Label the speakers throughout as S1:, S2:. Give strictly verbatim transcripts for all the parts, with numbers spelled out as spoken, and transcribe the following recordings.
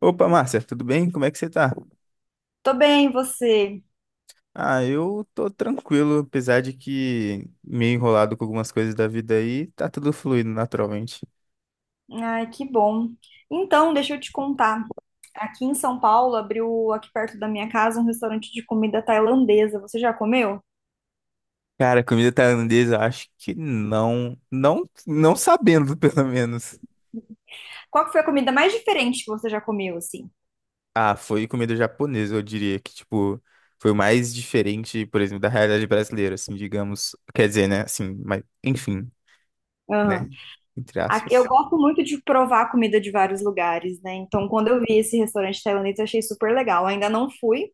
S1: Opa, Márcia, tudo bem? Como é que você tá?
S2: Tô bem, você?
S1: Ah, eu tô tranquilo, apesar de que meio enrolado com algumas coisas da vida aí, tá tudo fluindo naturalmente.
S2: Ai, que bom. Então, deixa eu te contar. Aqui em São Paulo abriu aqui perto da minha casa um restaurante de comida tailandesa. Você já comeu?
S1: Cara, comida tailandesa, eu acho que não, não, não sabendo, pelo menos.
S2: Qual que foi a comida mais diferente que você já comeu, assim?
S1: Ah, foi comida japonesa, eu diria que, tipo, foi o mais diferente, por exemplo, da realidade brasileira, assim, digamos. Quer dizer, né, assim, mas, enfim, né, entre
S2: A- Eu
S1: aspas.
S2: gosto muito de provar comida de vários lugares, né? Então, quando eu vi esse restaurante tailandês, eu achei super legal. Ainda não fui,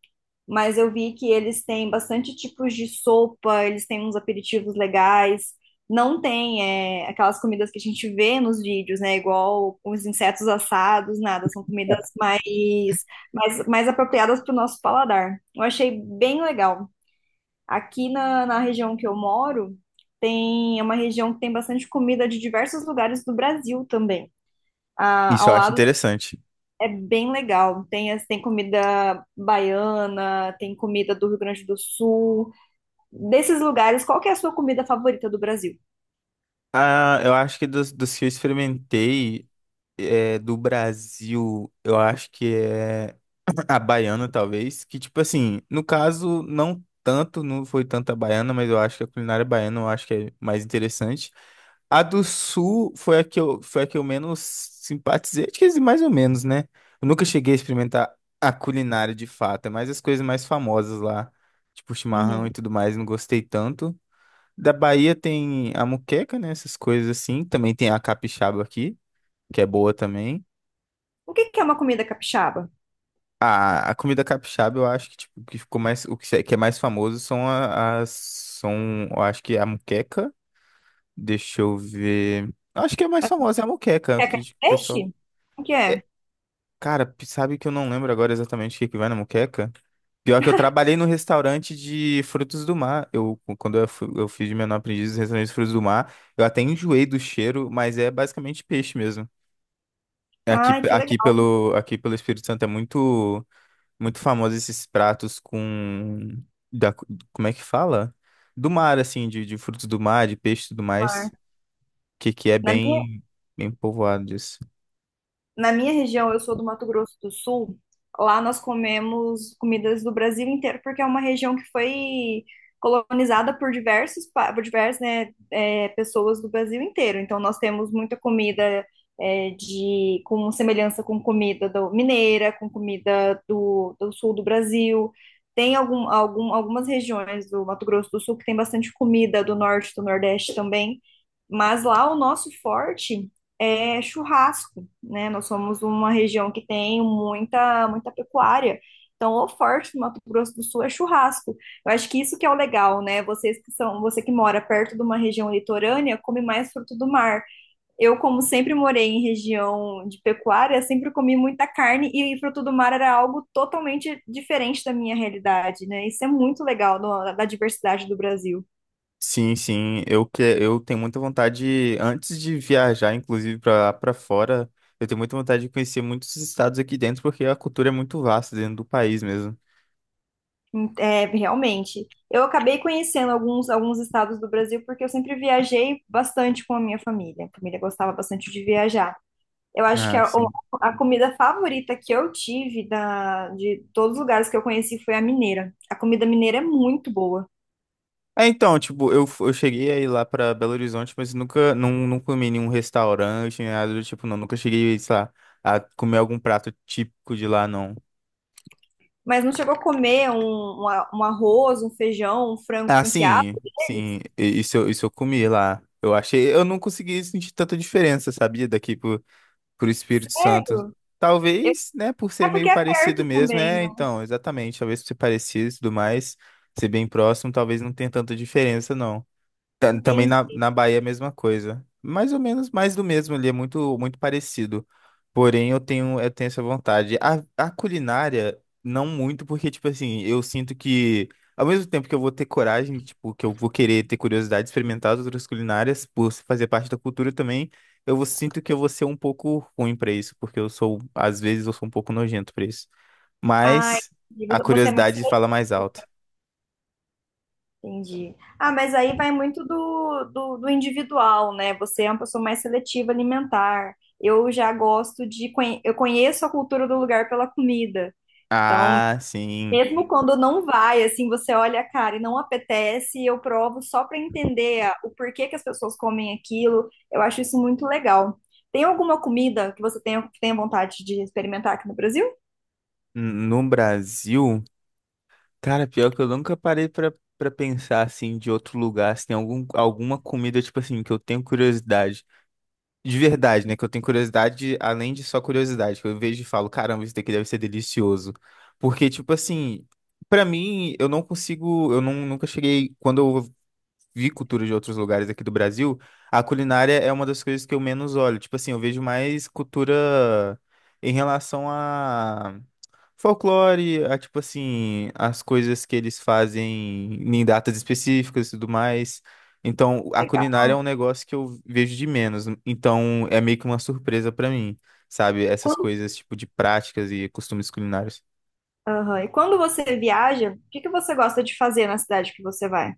S2: mas eu vi que eles têm bastante tipos de sopa, eles têm uns aperitivos legais. Não tem, é, aquelas comidas que a gente vê nos vídeos, né? Igual os insetos assados, nada. São comidas mais, mais, mais apropriadas para o nosso paladar. Eu achei bem legal. Aqui na, na região que eu moro, tem, é uma região que tem bastante comida de diversos lugares do Brasil também. Ah,
S1: Isso
S2: ao
S1: eu acho
S2: lado
S1: interessante.
S2: é bem legal. Tem, as- tem comida baiana, tem comida do Rio Grande do Sul. Desses lugares, qual que é a sua comida favorita do Brasil?
S1: Ah, eu acho que dos, dos que eu experimentei, é, do Brasil, eu acho que é a baiana, talvez. Que, tipo assim, no caso, não tanto, não foi tanto a baiana, mas eu acho que a culinária baiana eu acho que é mais interessante. A do Sul foi a que eu, foi a que eu menos simpatizei, acho que é mais ou menos, né? Eu nunca cheguei a experimentar a culinária de fato, é mais as coisas mais famosas lá, tipo chimarrão e
S2: Uhum.
S1: tudo mais, não gostei tanto. Da Bahia tem a muqueca, né? Essas coisas assim. Também tem a capixaba aqui, que é boa também.
S2: O que que é uma comida capixaba?
S1: A, a comida capixaba, eu acho que, tipo, que ficou mais, o que se- que é mais famoso são a- as, são, eu acho que é a moqueca, deixa eu ver, eu acho que a mais famosa é a moqueca,
S2: É
S1: que
S2: carne de
S1: o pessoal,
S2: peixe? O que é?
S1: é, cara, p- sabe que eu não lembro agora exatamente o que que vai na moqueca? Pior que eu trabalhei no restaurante de frutos do mar, eu, quando eu, fui- eu fiz de menor aprendiz no restaurante de frutos do mar, eu até enjoei do cheiro, mas é basicamente peixe mesmo. Aqui,
S2: Ai, que
S1: aqui
S2: legal.
S1: pelo, aqui pelo Espírito Santo é muito. Muito famosos esses pratos com. Da... Como é que fala? Do mar, assim, de, de frutos do mar, de peixe e tudo
S2: Mar.
S1: mais. Que, que é
S2: Na minha
S1: bem, bem povoado disso.
S2: Na minha região, eu sou do Mato Grosso do Sul. Lá nós comemos comidas do Brasil inteiro, porque é uma região que foi colonizada por diversos, pa- por diversas, né, é, pessoas do Brasil inteiro. Então nós temos muita comida é, de com semelhança com comida do mineira, com comida do, do sul do Brasil. Tem algum, algum, algumas regiões do Mato Grosso do Sul que tem bastante comida do norte, do nordeste também. Mas lá o nosso forte é churrasco, né? Nós somos uma região que tem muita, muita pecuária. Então, o forte do Mato Grosso do Sul é churrasco. Eu acho que isso que é o legal, né? Vocês que são, você que mora perto de uma região litorânea, come mais fruto do mar. Eu, como sempre morei em região de pecuária, sempre comi muita carne e fruto do mar era algo totalmente diferente da minha realidade, né? Isso é muito legal no- da diversidade do Brasil.
S1: Sim, sim. Eu, que... eu tenho muita vontade, antes de viajar, inclusive, para lá para fora, eu tenho muita vontade de conhecer muitos estados aqui dentro, porque a cultura é muito vasta dentro do país mesmo.
S2: É, realmente. Eu acabei conhecendo alguns, alguns estados do Brasil porque eu sempre viajei bastante com a minha família. A família gostava bastante de viajar. Eu acho que
S1: Ah,
S2: a,
S1: sim.
S2: a comida favorita que eu tive da, de todos os lugares que eu conheci foi a mineira. A comida mineira é muito boa.
S1: É, então, tipo, eu, f- eu cheguei aí lá pra Belo Horizonte, mas nunca, não, não comi em nenhum restaurante, nem nada do tipo, não. Nunca cheguei, sei lá, a comer algum prato típico de lá, não.
S2: Mas não chegou a comer um, um a- um arroz, um feijão, um frango
S1: Ah,
S2: com quiabo
S1: sim, sim,
S2: deles?
S1: i- isso, eu- isso eu comi lá. Eu achei, eu não consegui sentir tanta diferença, sabia? Daqui pro, pro Espírito Santo.
S2: Sério? Eu-
S1: Talvez, né, por
S2: É
S1: ser
S2: porque
S1: meio
S2: é
S1: parecido
S2: perto
S1: mesmo,
S2: também,
S1: é,
S2: né?
S1: então, exatamente, talvez por ser parecido e tudo mais, ser bem próximo, talvez não tenha tanta diferença, não. Ta- Também
S2: Entendi.
S1: na, na Bahia, é a mesma coisa. Mais ou menos mais do mesmo ali, é muito, muito parecido. Porém, eu tenho, eu tenho essa vontade. A, a culinária, não muito, porque, tipo assim, eu sinto que, ao mesmo tempo que eu vou ter coragem, tipo, que eu vou querer ter curiosidade de experimentar as outras culinárias, por fazer parte da cultura também, eu vou- sinto que eu vou ser um pouco ruim pra isso, porque eu sou, às vezes, eu sou um pouco nojento pra isso.
S2: Ai,
S1: Mas a
S2: você é mais.
S1: curiosidade fala mais alto.
S2: Entendi. Ah, mas aí vai muito do, do, do individual, né? Você é uma pessoa mais seletiva alimentar. Eu já gosto de. conhe- Eu conheço a cultura do lugar pela comida.
S1: Ah, sim.
S2: Mesmo quando não vai, assim, você olha a cara e não apetece, eu provo só para entender a- o porquê que as pessoas comem aquilo. Eu acho isso muito legal. Tem alguma comida que você tenha, que tenha vontade de experimentar aqui no Brasil?
S1: No Brasil. Cara, pior que eu nunca parei pra, pra pensar assim de outro lugar, se tem algum, alguma comida, tipo assim, que eu tenho curiosidade. De verdade, né? Que eu tenho curiosidade, além de só curiosidade, que eu vejo e falo, caramba, isso daqui deve ser delicioso. Porque, tipo assim, pra mim, eu não consigo, eu não, nunca cheguei, quando eu vi cultura de outros lugares aqui do Brasil, a culinária é uma das coisas que eu menos olho. Tipo assim, eu vejo mais cultura em relação a folclore, a, tipo assim, as coisas que eles fazem em datas específicas e tudo mais. Então, a
S2: Legal.
S1: culinária é um negócio que eu vejo de menos. Então, é meio que uma surpresa pra mim, sabe? Essas
S2: Quando.
S1: coisas, tipo, de práticas e costumes culinários.
S2: Aham. E quando você viaja, o que que você gosta de fazer na cidade que você vai?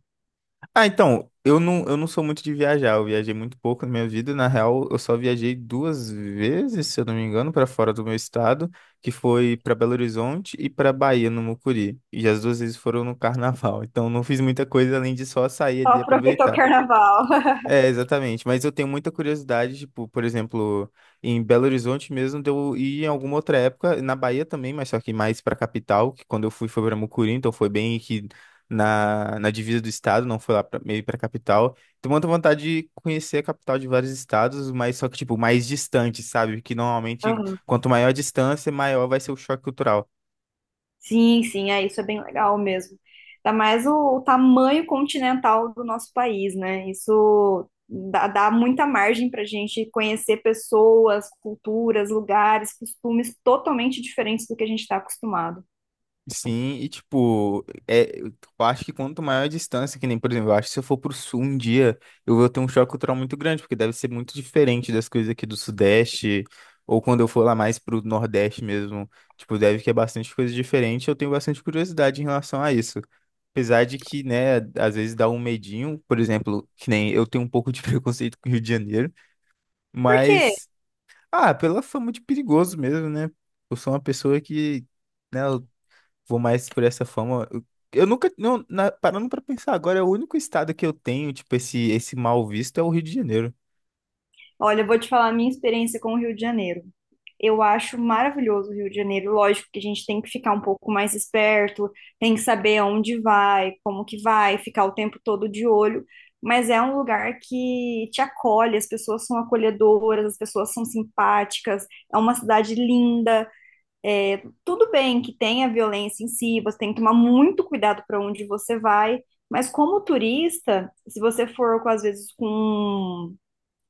S1: Ah, então, eu não, eu não sou muito de viajar, eu viajei muito pouco na minha vida, na real, eu só viajei duas vezes, se eu não me engano, para fora do meu estado, que foi para Belo Horizonte e para Bahia, no Mucuri, e as duas vezes foram no carnaval, então não fiz muita coisa além de só sair
S2: Só
S1: ali e
S2: aproveitou o
S1: aproveitar.
S2: carnaval.
S1: É, exatamente. Mas eu tenho muita curiosidade, tipo, por exemplo, em Belo Horizonte mesmo, de eu ir em alguma outra época, na Bahia também, mas só que mais pra capital, que quando eu fui foi pra Mucuri, então foi bem que na, na divisa do estado, não foi lá pra, meio pra capital. Tenho muita vontade de conhecer a capital de vários estados, mas só que, tipo, mais distante, sabe? Que normalmente,
S2: Aham.
S1: quanto maior a distância, maior vai ser o choque cultural.
S2: Sim, sim, é isso é bem legal mesmo. Ainda mais o, o tamanho continental do nosso país, né? Isso dá, dá muita margem para a gente conhecer pessoas, culturas, lugares, costumes totalmente diferentes do que a gente está acostumado.
S1: Sim, e tipo, é, eu acho que quanto maior a distância, que nem, por exemplo, eu acho que se eu for pro sul um dia, eu vou ter um choque cultural muito grande, porque deve ser muito diferente das coisas aqui do Sudeste, ou quando eu for lá mais pro Nordeste mesmo, tipo, deve que é bastante coisa diferente, eu tenho bastante curiosidade em relação a isso. Apesar de que, né, às vezes dá um medinho, por exemplo, que nem eu tenho um pouco de preconceito com o Rio de Janeiro,
S2: Por quê?
S1: mas, ah, pela fama de perigoso mesmo, né? Eu sou uma pessoa que né? Vou mais por essa forma. Eu eu nunca, não, na- parando pra pensar agora, é o único estado que eu tenho, tipo, esse, esse mal visto é o Rio de Janeiro.
S2: Olha, eu vou te falar a minha experiência com o Rio de Janeiro. Eu acho maravilhoso o Rio de Janeiro. Lógico que a gente tem que ficar um pouco mais esperto, tem que saber aonde vai, como que vai, ficar o tempo todo de olho. Mas é um lugar que te acolhe, as pessoas são acolhedoras, as pessoas são simpáticas, é uma cidade linda. Tudo bem que tenha violência em si, você tem que tomar muito cuidado para onde você vai. Mas como turista, se você for com, às vezes com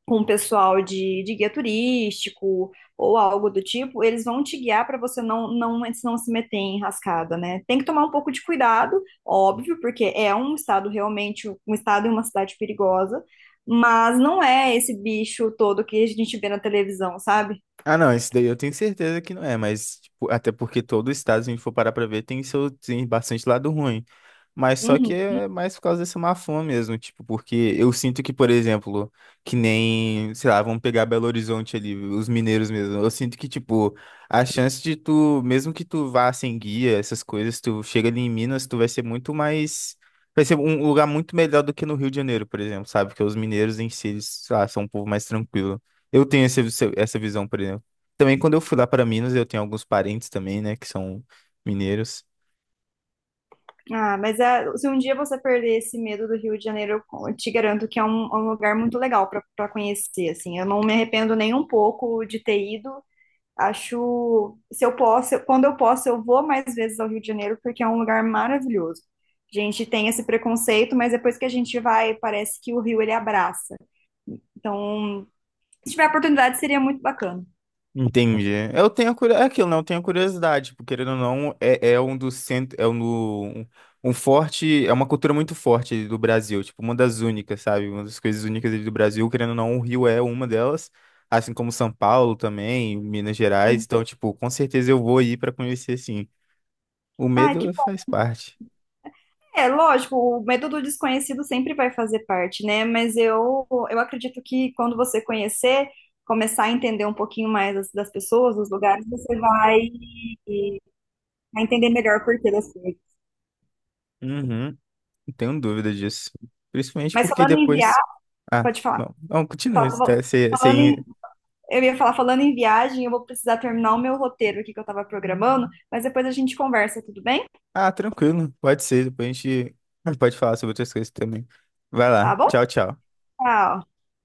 S2: com o pessoal de, de guia turístico ou algo do tipo, eles vão te guiar para você não, não, não se meter em enrascada, né? Tem que tomar um pouco de cuidado, óbvio, porque é um estado realmente, um estado e uma cidade perigosa, mas não é esse bicho todo que a gente vê na televisão, sabe?
S1: Ah, não, esse daí eu tenho certeza que não é, mas tipo, até porque todo estado, se a gente for parar pra ver, tem seu tem bastante lado ruim. Mas só que
S2: Uhum.
S1: é mais por causa dessa má fama mesmo, tipo, porque eu sinto que, por exemplo, que nem, sei lá, vamos pegar Belo Horizonte ali, os mineiros mesmo. Eu sinto que, tipo, a chance de tu, mesmo que tu vá sem guia, essas coisas, tu chega ali em Minas, tu vai ser muito mais. Vai ser um lugar muito melhor do que no Rio de Janeiro, por exemplo, sabe? Porque os mineiros em si, eles, sei lá, são um povo mais tranquilo. Eu tenho esse, essa visão, por exemplo. Também quando eu fui lá para Minas, eu tenho alguns parentes também, né, que são mineiros.
S2: Ah, mas é- se um dia você perder esse medo do Rio de Janeiro, eu te garanto que é um, é um lugar muito legal para conhecer, assim. Eu não me arrependo nem um pouco de ter ido. Acho, se eu posso, quando eu posso, eu vou mais vezes ao Rio de Janeiro, porque é um lugar maravilhoso. A gente tem esse preconceito, mas depois que a gente vai, parece que o Rio ele abraça. Então, se tiver oportunidade, seria muito bacana.
S1: Entendi. Eu tenho a curiosidade, é aquilo, não, eu tenho a curiosidade, porque querendo ou não, é, é um dos centros, é um, do- um um forte, é uma cultura muito forte ali do Brasil, tipo, uma das únicas, sabe? Uma das coisas únicas ali do Brasil, querendo ou não, o Rio é uma delas, assim como São Paulo também, Minas Gerais, então, tipo, com certeza eu vou ir para conhecer, sim. O
S2: Ai, que.
S1: medo faz parte.
S2: É, lógico, o medo do desconhecido sempre vai fazer parte, né? Mas eu, eu acredito que quando você conhecer, começar a entender um pouquinho mais das, das pessoas, dos lugares, você vai, vai entender melhor o porquê das coisas.
S1: Uhum. Não tenho dúvida disso. Principalmente
S2: Mas
S1: porque
S2: falando em
S1: depois.
S2: viagem,
S1: Ah,
S2: pode falar.
S1: não. Não, continua.
S2: Fala-
S1: Tá,
S2: fala-
S1: você,
S2: Falando em-
S1: você...
S2: eu ia falar, falando em viagem, eu vou precisar terminar o meu roteiro aqui que eu estava programando, mas depois a gente conversa, tudo bem?
S1: ah, tranquilo. Pode ser. Depois a gente pode falar sobre outras coisas também. Vai
S2: Tá
S1: lá.
S2: bom?
S1: Tchau, tchau.
S2: Tchau.